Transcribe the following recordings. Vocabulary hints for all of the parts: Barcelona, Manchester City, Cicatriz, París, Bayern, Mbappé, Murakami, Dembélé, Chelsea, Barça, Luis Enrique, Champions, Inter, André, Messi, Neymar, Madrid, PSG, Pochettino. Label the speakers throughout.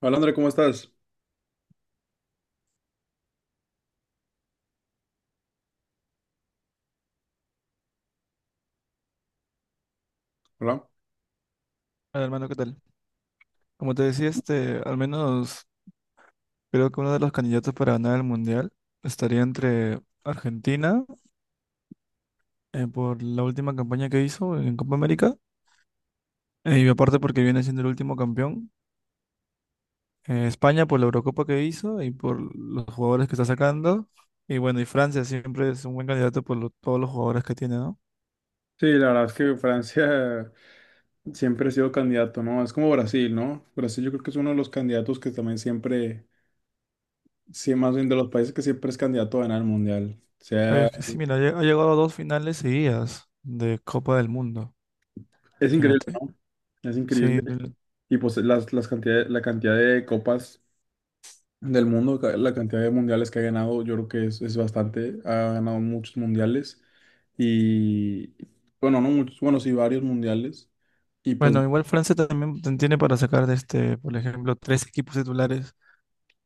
Speaker 1: Hola André, ¿cómo estás? Hola.
Speaker 2: Hola, hermano, ¿qué tal? Como te decía, al menos creo que uno de los candidatos para ganar el mundial estaría entre Argentina, por la última campaña que hizo en Copa América, y aparte porque viene siendo el último campeón, España por la Eurocopa que hizo y por los jugadores que está sacando, y bueno, y Francia siempre es un buen candidato por todos los jugadores que tiene, ¿no?
Speaker 1: Sí, la verdad es que Francia siempre ha sido candidato, ¿no? Es como Brasil, ¿no? Brasil yo creo que es uno de los candidatos que también siempre, sí, más bien de los países que siempre es candidato a ganar el mundial. O
Speaker 2: Pero
Speaker 1: sea,
Speaker 2: es que sí, mira, ha llegado a dos finales seguidas de Copa del Mundo,
Speaker 1: es increíble,
Speaker 2: imagínate.
Speaker 1: ¿no? Es
Speaker 2: Sí,
Speaker 1: increíble. Y pues las cantidades, la cantidad de copas del mundo, la cantidad de mundiales que ha ganado, yo creo que es bastante. Ha ganado muchos mundiales y, bueno, no muchos, bueno, sí, varios mundiales. Y pues,
Speaker 2: bueno, igual Francia también tiene para sacar de este, por ejemplo, tres equipos titulares.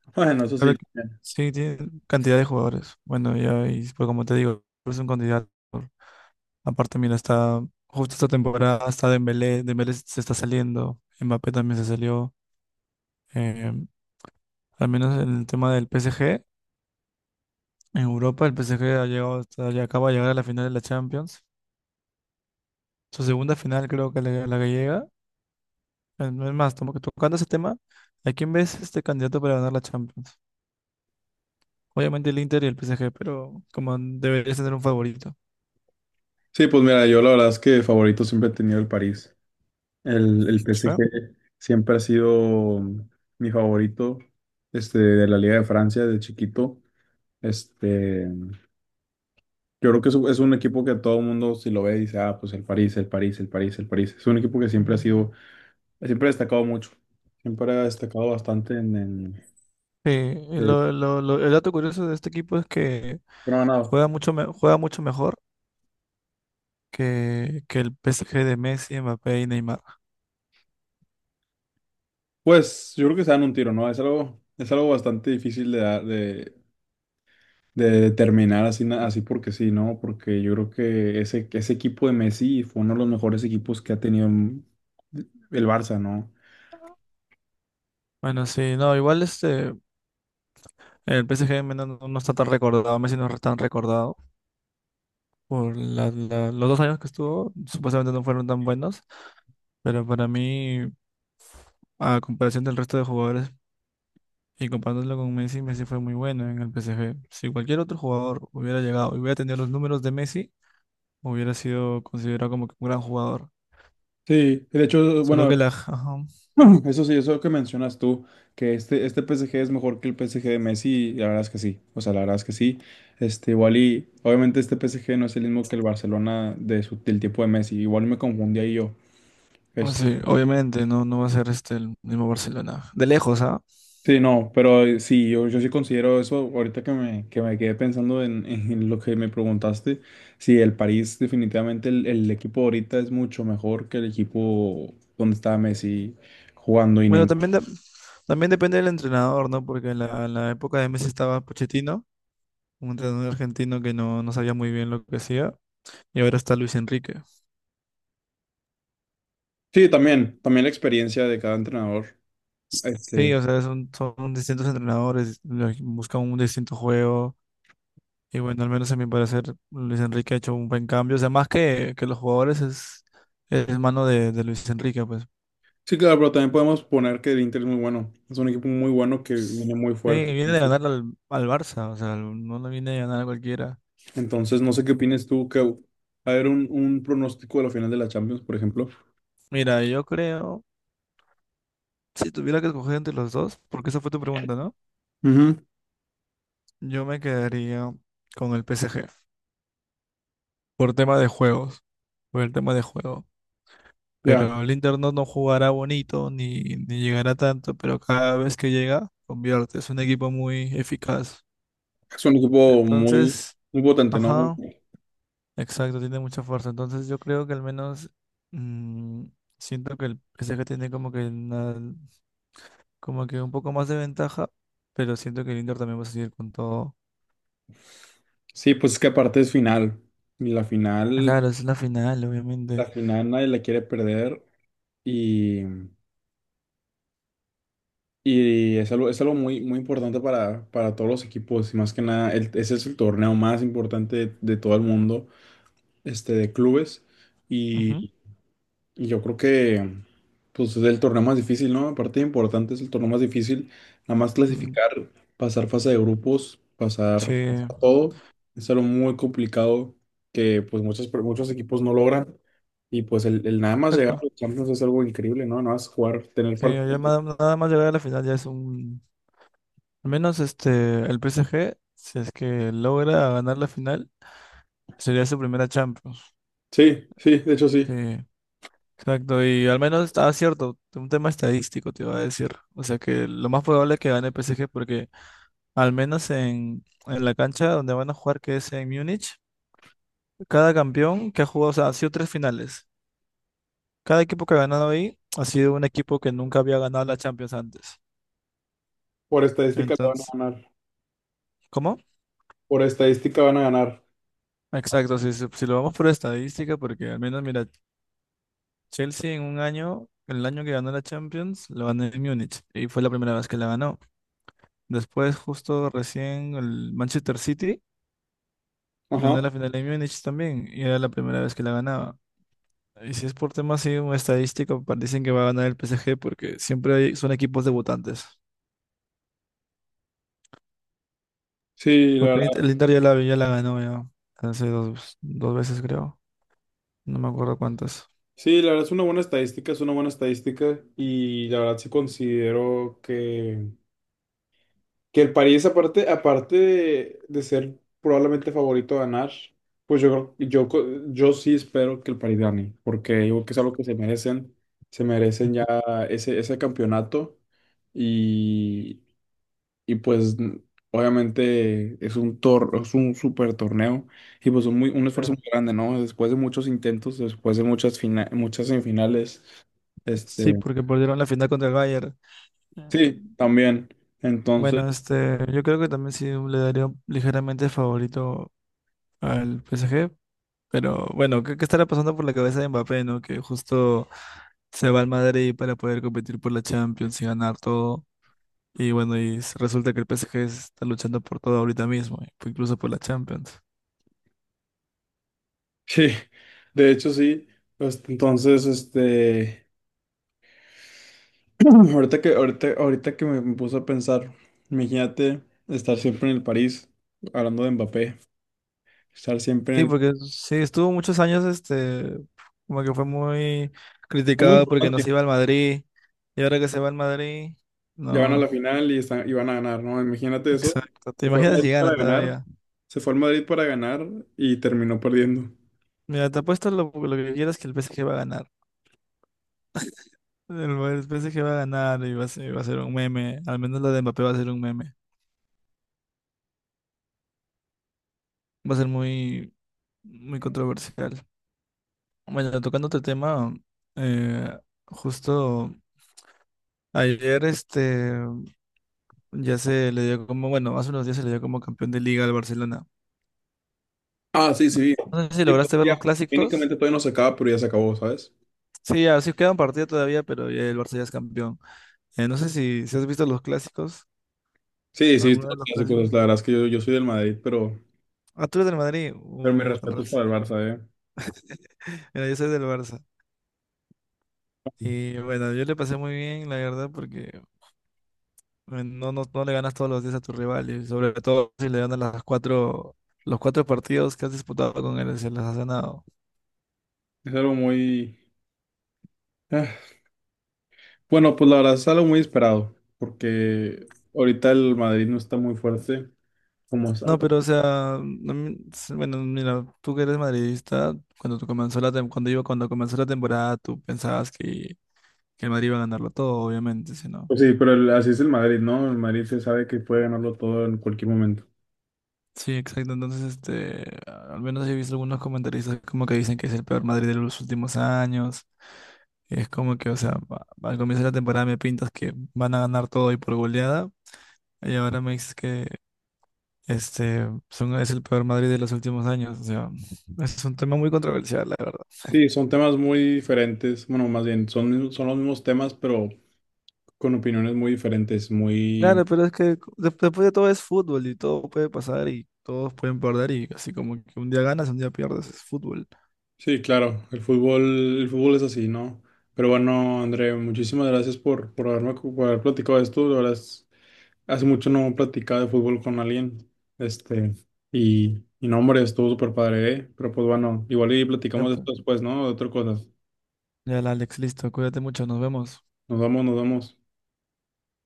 Speaker 1: bueno, eso
Speaker 2: Claro
Speaker 1: sí.
Speaker 2: que sí, tiene cantidad de jugadores. Bueno, ya, y pues como te digo, es un candidato. Aparte, mira, está justo esta temporada, está Dembélé, Dembélé se está saliendo, Mbappé también se salió. eh, Al menos en el tema del PSG, en Europa el PSG ha llegado, ya acaba de llegar a la final de la Champions. Su segunda final creo que la que llega. Es más, tocando ese tema, ¿a quién ves este candidato para ganar la Champions? Obviamente el Inter y el PSG, pero como deberías tener un favorito.
Speaker 1: Sí, pues mira, yo la verdad es que favorito siempre he tenido el París. El
Speaker 2: Sí.
Speaker 1: PSG siempre ha sido mi favorito, de la Liga de Francia de chiquito. Este, yo creo que es un equipo que todo el mundo si lo ve dice, ah, pues el París, el París, el París, el París. Es un equipo que siempre ha sido, siempre ha destacado mucho. Siempre ha destacado bastante
Speaker 2: Sí, y
Speaker 1: de-
Speaker 2: el dato curioso de este equipo es que
Speaker 1: pero no, no.
Speaker 2: juega mucho, juega mucho mejor que el PSG de Messi, Mbappé y Neymar.
Speaker 1: Pues yo creo que se dan un tiro, ¿no? Es algo bastante difícil de dar, de terminar así, así porque sí, ¿no? Porque yo creo que ese equipo de Messi fue uno de los mejores equipos que ha tenido el Barça, ¿no?
Speaker 2: Bueno, sí, no, igual este, el PSG no está tan recordado, Messi no es tan recordado por los dos años que estuvo, supuestamente no fueron tan buenos, pero para mí, a comparación del resto de jugadores. Y comparándolo con Messi, Messi fue muy bueno en el PSG. Si cualquier otro jugador hubiera llegado y hubiera tenido los números de Messi, hubiera sido considerado como que un gran jugador.
Speaker 1: Sí, de hecho,
Speaker 2: Solo
Speaker 1: bueno,
Speaker 2: que la... ajá.
Speaker 1: eso sí, eso que mencionas tú, que este PSG es mejor que el PSG de Messi, la verdad es que sí, o sea, la verdad es que sí. Igual y, obviamente este PSG no es el mismo que el Barcelona del tiempo de Messi, igual me confundí ahí yo.
Speaker 2: Ah, sí, obviamente, no, no va a ser este el mismo Barcelona. De lejos, ¿ah?
Speaker 1: Sí, no, pero sí, yo sí considero eso, ahorita que me quedé pensando en lo que me preguntaste, sí, el París definitivamente, el equipo ahorita es mucho mejor que el equipo donde estaba Messi jugando y
Speaker 2: Bueno,
Speaker 1: Neymar.
Speaker 2: también, también depende del entrenador, ¿no? Porque en la época de Messi estaba Pochettino, un entrenador argentino que no sabía muy bien lo que hacía, y ahora está Luis Enrique.
Speaker 1: Sí, también, también la experiencia de cada entrenador.
Speaker 2: Sí,
Speaker 1: Este,
Speaker 2: o sea, son distintos entrenadores, buscan un distinto juego. Y bueno, al menos a mi parecer, Luis Enrique ha hecho un buen cambio. O sea, más que los jugadores, es mano de Luis Enrique, pues.
Speaker 1: sí, claro, pero también podemos poner que el Inter es muy bueno, es un equipo muy bueno que viene muy
Speaker 2: Sí,
Speaker 1: fuerte.
Speaker 2: viene de ganar al Barça, o sea, no le viene de ganar a cualquiera.
Speaker 1: Entonces, no sé qué opinas tú, que va a ver un pronóstico de la final de la Champions, por ejemplo.
Speaker 2: Mira, yo creo, si tuviera que escoger entre los dos, porque esa fue tu pregunta, ¿no?
Speaker 1: Ujú.
Speaker 2: Yo me quedaría con el P S G por tema de juegos, por el tema de juego.
Speaker 1: Ya.
Speaker 2: Pero el Inter no jugará bonito, ni, ni llegará tanto, pero cada vez que llega, convierte. Es un equipo muy eficaz.
Speaker 1: Es un equipo muy,
Speaker 2: Entonces,
Speaker 1: muy potente, ¿no?
Speaker 2: ajá, exacto, tiene mucha fuerza. Entonces yo creo que al menos mm, siento que el PSG tiene como que como que un poco más de ventaja, pero siento que el Inter también va a seguir con todo.
Speaker 1: Sí, pues es que aparte es final. Y la final,
Speaker 2: Claro, es la final,
Speaker 1: la
Speaker 2: obviamente.
Speaker 1: final nadie la quiere perder. Y, y es algo muy, muy importante para todos los equipos. Y más que nada, ese es el torneo más importante de todo el mundo, de clubes.
Speaker 2: Ujú.
Speaker 1: y Yo creo que pues es el torneo más difícil, ¿no? Aparte importante es el torneo más difícil, nada más
Speaker 2: Mm,
Speaker 1: clasificar, pasar fase de grupos,
Speaker 2: sí,
Speaker 1: pasar todo, es algo muy complicado que pues muchos equipos no logran y pues el nada más llegar a
Speaker 2: exacto.
Speaker 1: los Champions es algo increíble, ¿no? Nada más jugar, tener
Speaker 2: Sí, ya
Speaker 1: partidos.
Speaker 2: nada, nada más llegar a la final ya es un... Al menos este, el PSG, si es que logra ganar la final, sería su primera Champions.
Speaker 1: Sí, sí, de hecho sí,
Speaker 2: Sí. Exacto, y al menos estaba cierto, un tema estadístico te iba a decir. O sea que lo más probable es que gane el PSG porque al menos en la cancha donde van a jugar, que es en Múnich, cada campeón que ha jugado, o sea, ha sido tres finales. Cada equipo que ha ganado ahí ha sido un equipo que nunca había ganado la Champions antes.
Speaker 1: por estadística la van a
Speaker 2: Entonces,
Speaker 1: ganar,
Speaker 2: ¿cómo?
Speaker 1: por estadística van a ganar,
Speaker 2: Exacto, si lo vamos por estadística, porque al menos, mira, Chelsea en un año, el año que ganó la Champions, lo ganó en Múnich y fue la primera vez que la ganó. Después, justo recién, el Manchester City ganó
Speaker 1: ajá,
Speaker 2: la final de Múnich también y era la primera vez que la ganaba. Y si es por temas así, un estadístico, dicen que va a ganar el PSG porque siempre son equipos debutantes.
Speaker 1: sí,
Speaker 2: Porque
Speaker 1: la
Speaker 2: el Inter ya la ganó ya hace dos veces, creo. No me acuerdo cuántas.
Speaker 1: sí, la verdad es una buena estadística, es una buena estadística y la verdad sí considero que el París aparte, aparte de ser probablemente favorito a ganar, pues yo, creo- yo, co- yo sí espero que el París gane, porque yo creo que es algo que se merecen ya ese campeonato y, y pues obviamente es un super torneo. Y pues un esfuerzo
Speaker 2: Pero
Speaker 1: muy grande, ¿no? Después de muchos intentos, después de muchas semifinales,
Speaker 2: sí,
Speaker 1: este,
Speaker 2: porque perdieron la final contra el Bayern. Ya.
Speaker 1: sí, también. Entonces,
Speaker 2: Bueno, este, yo creo que también sí le daría un ligeramente favorito al PSG, pero bueno, ¿qué estará pasando por la cabeza de Mbappé, ¿no? Que justo se va al Madrid para poder competir por la Champions y ganar todo. Y bueno, y resulta que el PSG está luchando por todo ahorita mismo, incluso por la Champions.
Speaker 1: sí, de hecho sí. Pues, entonces, ahorita que me puse a pensar, imagínate estar siempre en el París, hablando de Mbappé, estar siempre
Speaker 2: Sí,
Speaker 1: en el
Speaker 2: porque sí, estuvo muchos años, este, como que fue muy
Speaker 1: es muy
Speaker 2: criticado porque no
Speaker 1: importante.
Speaker 2: se iba al Madrid. Y ahora que se va al Madrid,
Speaker 1: Ya van a la
Speaker 2: no,
Speaker 1: final y y van a ganar, ¿no? Imagínate eso.
Speaker 2: exacto. ¿Te
Speaker 1: Se fue al
Speaker 2: imaginas
Speaker 1: Madrid
Speaker 2: si gana
Speaker 1: para ganar,
Speaker 2: todavía?
Speaker 1: se fue al Madrid para ganar y terminó perdiendo.
Speaker 2: Mira, te apuesto lo que quieras que el PSG va a ganar. El Bayern, pensé que iba a ganar y va a va a ser un meme. Al menos la de Mbappé va a ser un meme. Va a ser muy, muy controversial. Bueno, tocando otro tema, eh, justo ayer este ya se le dio como, bueno, hace unos días se le dio como campeón de liga al Barcelona.
Speaker 1: Ah, sí,
Speaker 2: No,
Speaker 1: sí.
Speaker 2: no sé si
Speaker 1: Sí, pues
Speaker 2: lograste ver
Speaker 1: ya,
Speaker 2: los clásicos.
Speaker 1: técnicamente todavía no se acaba, pero ya se acabó, ¿sabes?
Speaker 2: Sí, así queda un partido todavía, pero ya el Barça ya es campeón. No sé si has visto los clásicos,
Speaker 1: Sí, sí,
Speaker 2: alguno de
Speaker 1: todos los
Speaker 2: los
Speaker 1: clásicos.
Speaker 2: clásicos.
Speaker 1: La verdad es que yo soy del Madrid, pero,
Speaker 2: Ah, tú eres del Madrid.
Speaker 1: pero mi
Speaker 2: Uy, con
Speaker 1: respeto es
Speaker 2: razón.
Speaker 1: para el Barça, ¿eh?
Speaker 2: Mira, yo soy del Barça. Y bueno, yo le pasé muy bien, la verdad, porque no, no, no le ganas todos los días a tu rival, y sobre todo si le ganas las cuatro, los cuatro partidos que has disputado con él, se las has ganado.
Speaker 1: Es algo muy... ah, Bueno, pues la verdad es algo muy esperado, porque ahorita el Madrid no está muy fuerte, como, sa-
Speaker 2: No, pero o
Speaker 1: como-
Speaker 2: sea, no me- bueno, mira, tú que eres madridista, cuando tú cuando iba, cuando comenzó la temporada, tú pensabas que el Madrid iba a ganarlo todo, obviamente, si no.
Speaker 1: pues sí, pero así es el Madrid, ¿no? El Madrid se sabe que puede ganarlo todo en cualquier momento.
Speaker 2: Sí, exacto. Entonces, este, al menos he visto algunos comentaristas como que dicen que es el peor Madrid de los últimos años. Es como que, o sea, al comienzo de la temporada me pintas que van a ganar todo y por goleada, y ahora me dices que este son, es el peor Madrid de los últimos años. O sea, es un tema muy controversial, la verdad.
Speaker 1: Sí, son temas muy diferentes, bueno, más bien, son los mismos temas, pero con opiniones muy diferentes.
Speaker 2: Claro, pero es que después de todo es fútbol y todo puede pasar y todos pueden perder y así como que un día ganas, un día pierdes, es fútbol.
Speaker 1: Sí, claro, el fútbol, es así, ¿no? Pero bueno, André, muchísimas gracias por haber platicado de esto. La verdad hace mucho no platicaba de fútbol con alguien. Este, y no, hombre, estuvo súper padre, ¿eh? Pero pues bueno, igual y
Speaker 2: Ya,
Speaker 1: platicamos de
Speaker 2: pues.
Speaker 1: esto después, ¿no? De otras cosas.
Speaker 2: Ya, Alex, listo. Cuídate mucho, nos vemos.
Speaker 1: Nos vamos, nos vamos.